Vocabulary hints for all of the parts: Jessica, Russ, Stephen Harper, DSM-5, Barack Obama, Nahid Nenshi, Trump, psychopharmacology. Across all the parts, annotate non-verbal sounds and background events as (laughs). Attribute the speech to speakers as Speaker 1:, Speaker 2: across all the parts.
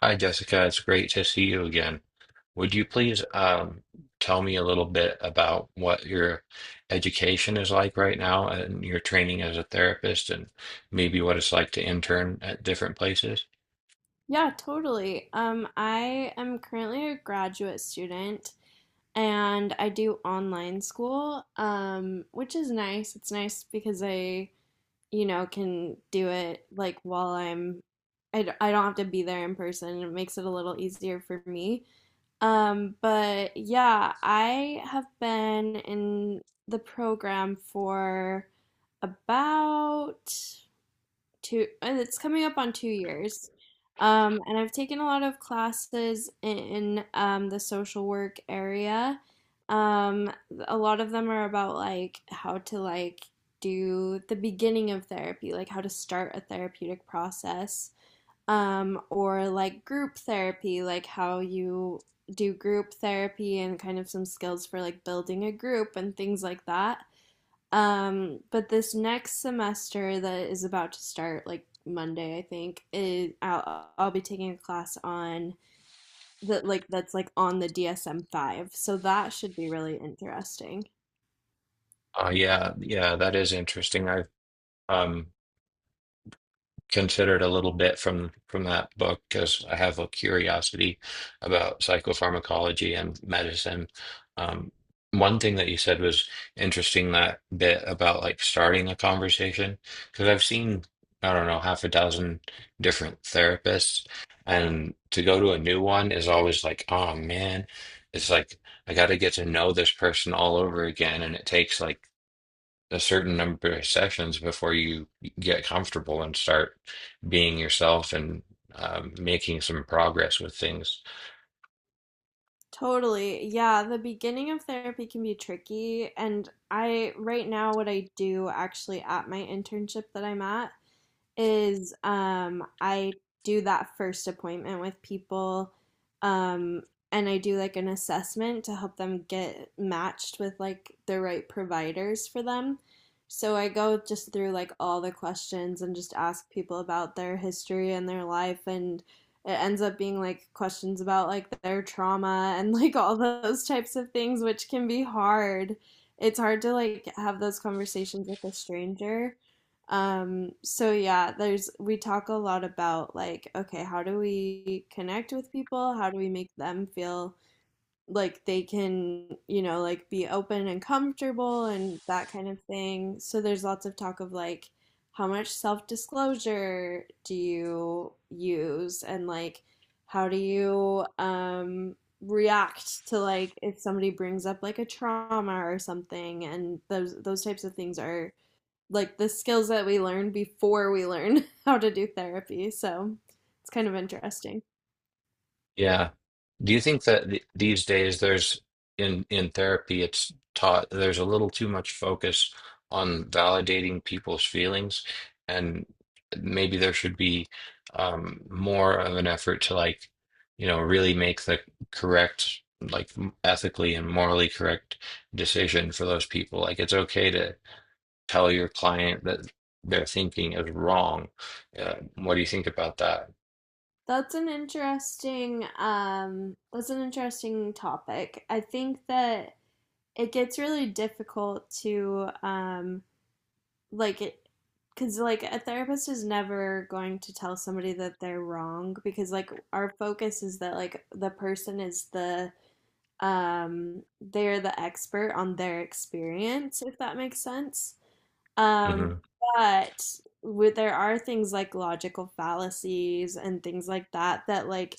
Speaker 1: Hi, Jessica. It's great to see you again. Would you please tell me a little bit about what your education is like right now and your training as a therapist and maybe what it's like to intern at different places?
Speaker 2: Yeah, totally. I am currently a graduate student and I do online school, which is nice. It's nice because I can do it like while I don't have to be there in person. It makes it a little easier for me. But yeah, I have been in the program for about two, and it's coming up on 2 years , and I've taken a lot of classes in the social work area um, a lot of them are about like how to, like, do the beginning of therapy, like how to start a therapeutic process, or like group therapy, like how you do group therapy and kind of some skills for like building a group and things like that. But this next semester that is about to start, like Monday, I think, I'll be taking a class on that, like that's like on the DSM-5. So that should be really interesting.
Speaker 1: Yeah, yeah, that is interesting. I've um, considered a little bit from that book because I have a curiosity about psychopharmacology and medicine. Um, One thing that you said was interesting, that bit about like starting a conversation, because I've seen, I don't know, half a dozen different therapists, and to go to a new one is always like, oh man, it's like I got to get to know this person all over again, and it takes like a certain number of sessions before you get comfortable and start being yourself and, making some progress with things.
Speaker 2: Totally. Yeah, the beginning of therapy can be tricky, and I right now what I do actually at my internship that I'm at is I do that first appointment with people um and I do like an assessment to help them get matched with like the right providers for them. So I go just through like all the questions and just ask people about their history and their life, and it ends up being like questions about like their trauma and like all those types of things, which can be hard. It's hard to like have those conversations with a stranger. So yeah, there's we talk a lot about like, okay, how do we connect with people? How do we make them feel like they can, like be open and comfortable and that kind of thing. So there's lots of talk of like how much self-disclosure do you use and like how do you react to like if somebody brings up like a trauma or something, and those types of things are like the skills that we learn before we learn (laughs) how to do therapy. So it's kind of interesting.
Speaker 1: Yeah. Do you think that th these days there's in therapy it's taught there's a little too much focus on validating people's feelings and maybe there should be more of an effort to like, you know, really make the correct, like, ethically and morally correct decision for those people. Like it's okay to tell your client that their thinking is wrong. Uh, what do you think about that?
Speaker 2: That's an interesting topic. I think that it gets really difficult to like it, because like a therapist is never going to tell somebody that they're wrong, because like our focus is that like the person is um they're the expert on their experience, if that makes sense. Um,
Speaker 1: Hmm.
Speaker 2: but there are things like logical fallacies and things like that, that like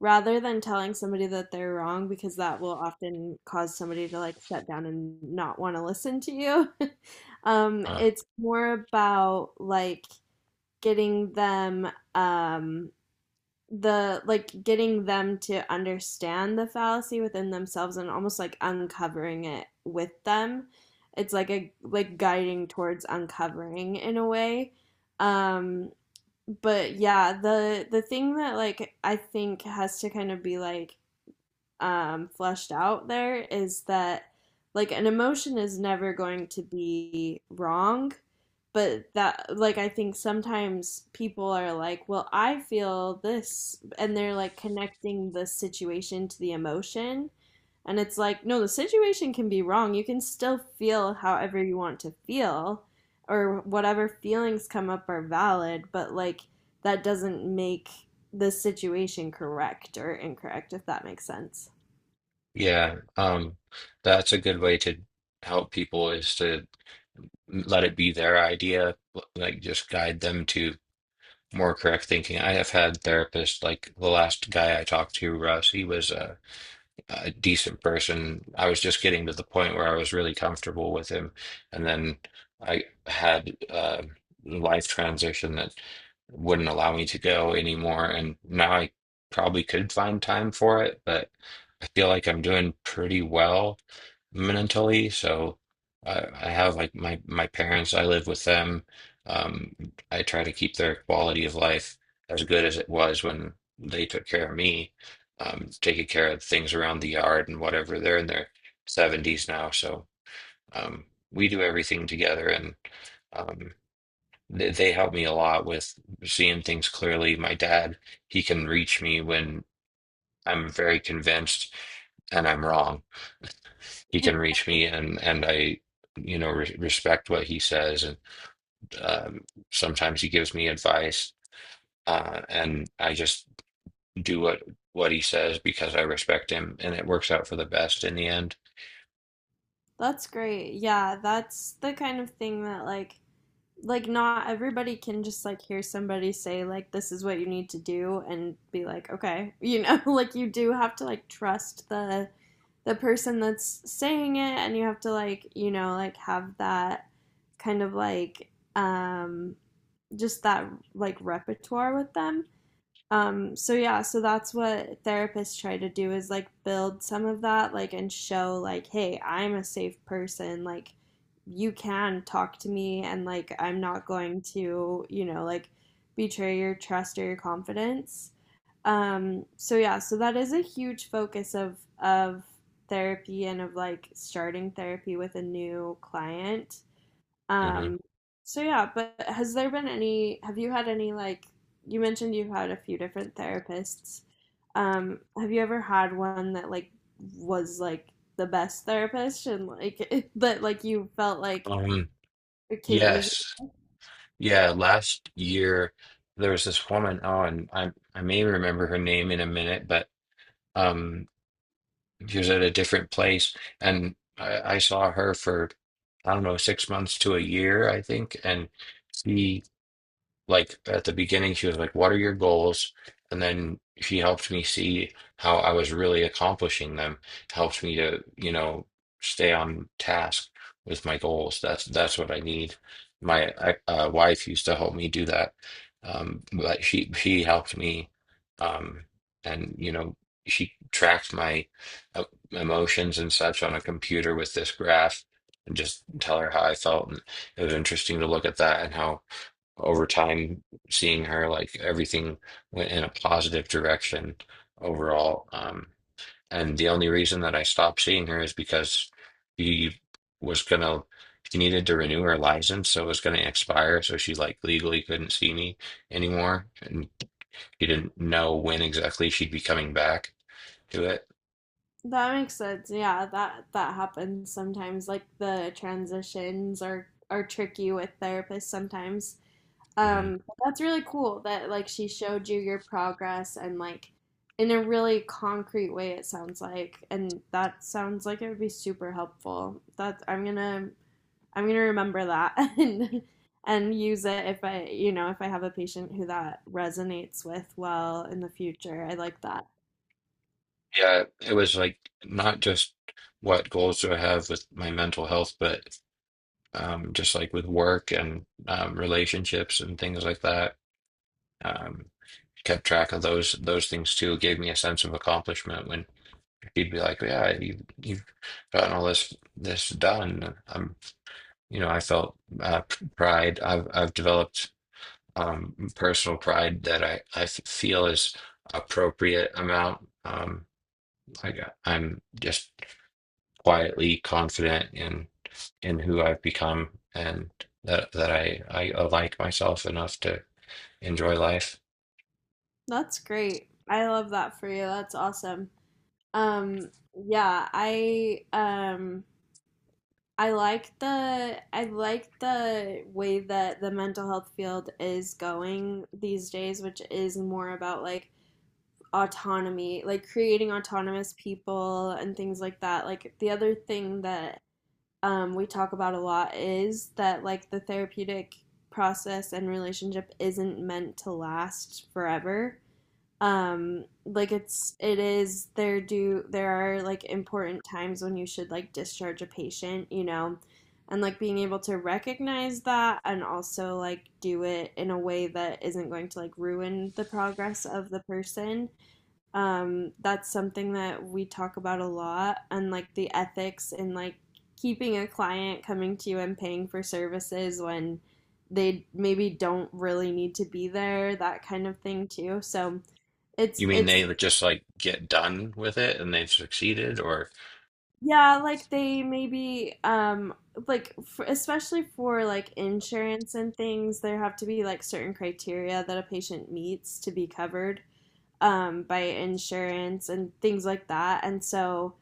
Speaker 2: rather than telling somebody that they're wrong, because that will often cause somebody to like shut down and not want to listen to you. (laughs) It's more about like getting them to understand the fallacy within themselves and almost like uncovering it with them. It's like guiding towards uncovering, in a way. Um but yeah, the thing that like I think has to kind of be fleshed out there is that like an emotion is never going to be wrong, but that like I think sometimes people are like, well, I feel this, and they're like connecting the situation to the emotion, and it's like, no, the situation can be wrong. You can still feel however you want to feel, or whatever feelings come up are valid, but like that doesn't make the situation correct or incorrect, if that makes sense.
Speaker 1: Yeah, that's a good way to help people is to let it be their idea, like just guide them to more correct thinking. I have had therapists like the last guy I talked to, Russ, he was a decent person. I was just getting to the point where I was really comfortable with him, and then I had a life transition that wouldn't allow me to go anymore, and now I probably could find time for it, but I feel like I'm doing pretty well mentally, so I have like my parents, I live with them. Um, I try to keep their quality of life as good as it was when they took care of me, taking care of things around the yard and whatever. They're in their 70s now, so um, we do everything together, and, um, they help me a lot with seeing things clearly. My dad, he can reach me when I'm very convinced and I'm wrong. He can reach me, and I, you know, re respect what he says, and, um, sometimes he gives me advice, and I just do what he says because I respect him, and it works out for the best in the end.
Speaker 2: That's great. Yeah, that's the kind of thing that like not everybody can just like hear somebody say like this is what you need to do and be like, okay, (laughs) like you do have to like trust the person that's saying it, and you have to like, like have that kind of like um just that like repertoire with them. So yeah, so that's what therapists try to do, is like build some of that, like, and show, like, hey, I'm a safe person. Like, you can talk to me, and like, I'm not going to, like, betray your trust or your confidence. So yeah, so that is a huge focus of therapy and of like starting therapy with a new client
Speaker 1: Hmm.
Speaker 2: um, so yeah, but has there been any, have you had any, like, you mentioned you've had a few different therapists. Have you ever had one that like was like the best therapist and like (laughs) that like you felt like
Speaker 1: Um,
Speaker 2: it came easy?
Speaker 1: yes. Yeah, last year there was this woman, oh, and I may remember her name in a minute, but um she was at a different place and I saw her for, I don't know, 6 months to a year, I think, and she like at the beginning she was like, what are your goals, and then she helped me see how I was really accomplishing them, helped me to, you know, stay on task with my goals. That's what I need. My wife used to help me do that, but she helped me, um and, you know, she tracked my uh, emotions and such on a computer with this graph, and just tell her how I felt, and it was interesting to look at that and how, over time, seeing her, like everything went in a positive direction overall. And the only reason that I stopped seeing her is because he was gonna, she needed to renew her license, so it was gonna expire. So she like legally couldn't see me anymore, and she didn't know when exactly she'd be coming back to it.
Speaker 2: That makes sense. Yeah, that happens sometimes. Like the transitions are tricky with therapists sometimes.
Speaker 1: Hmm.
Speaker 2: But that's really cool that like she showed you your progress and like in a really concrete way, it sounds like, and that sounds like it would be super helpful. That I'm gonna remember that (laughs) and use it if I have a patient who that resonates with well in the future. I like that.
Speaker 1: Yeah, it was like not just what goals do I have with my mental health, but, just like with work and, relationships and things like that. Um, Kept track of those things too. It gave me a sense of accomplishment when he'd be like, "Yeah, you you've gotten all this done." You know, I felt pride. I've developed, personal pride that I feel is appropriate amount. I got, I'm just quietly confident in. In who I've become and that I like myself enough to enjoy life.
Speaker 2: That's great. I love that for you. That's awesome. Yeah, I like the way that the mental health field is going these days, which is more about like autonomy, like creating autonomous people and things like that. Like the other thing that we talk about a lot is that like the therapeutic process and relationship isn't meant to last forever. Like it's it is there do there are like important times when you should like discharge a patient, you know, and like being able to recognize that and also like do it in a way that isn't going to like ruin the progress of the person. That's something that we talk about a lot, and like the ethics in like keeping a client coming to you and paying for services when they maybe don't really need to be there, that kind of thing too. so it's
Speaker 1: You mean
Speaker 2: it's
Speaker 1: they would just like get done with it and they've succeeded or.
Speaker 2: yeah, like they maybe, especially for like insurance and things, there have to be like certain criteria that a patient meets to be covered, by insurance and things like that. And so,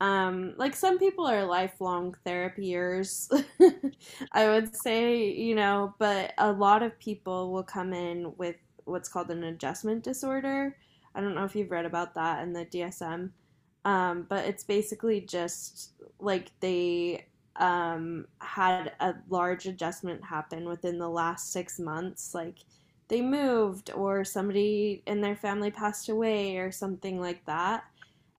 Speaker 2: um, like some people are lifelong therapiers, (laughs) I would say, but a lot of people will come in with what's called an adjustment disorder. I don't know if you've read about that in the DSM, but it's basically just like they had a large adjustment happen within the last 6 months, like they moved or somebody in their family passed away or something like that,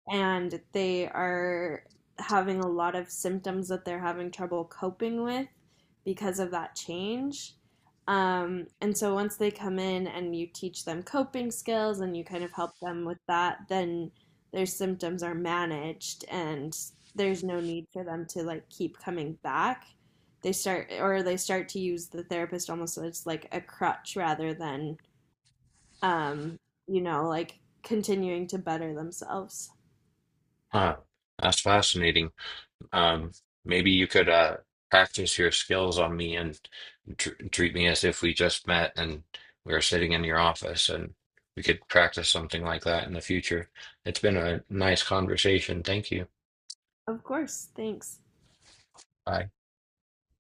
Speaker 2: and they are having a lot of symptoms that they're having trouble coping with because of that change. And so, once they come in and you teach them coping skills and you kind of help them with that, then their symptoms are managed, and there's no need for them to like keep coming back. They start to use the therapist almost as like a crutch rather than um, you know, like continuing to better themselves.
Speaker 1: Huh, that's fascinating. Um, Maybe you could practice your skills on me and tr treat me as if we just met and we were sitting in your office and we could practice something like that in the future. It's been a nice conversation. Thank you.
Speaker 2: Of course, thanks.
Speaker 1: Bye.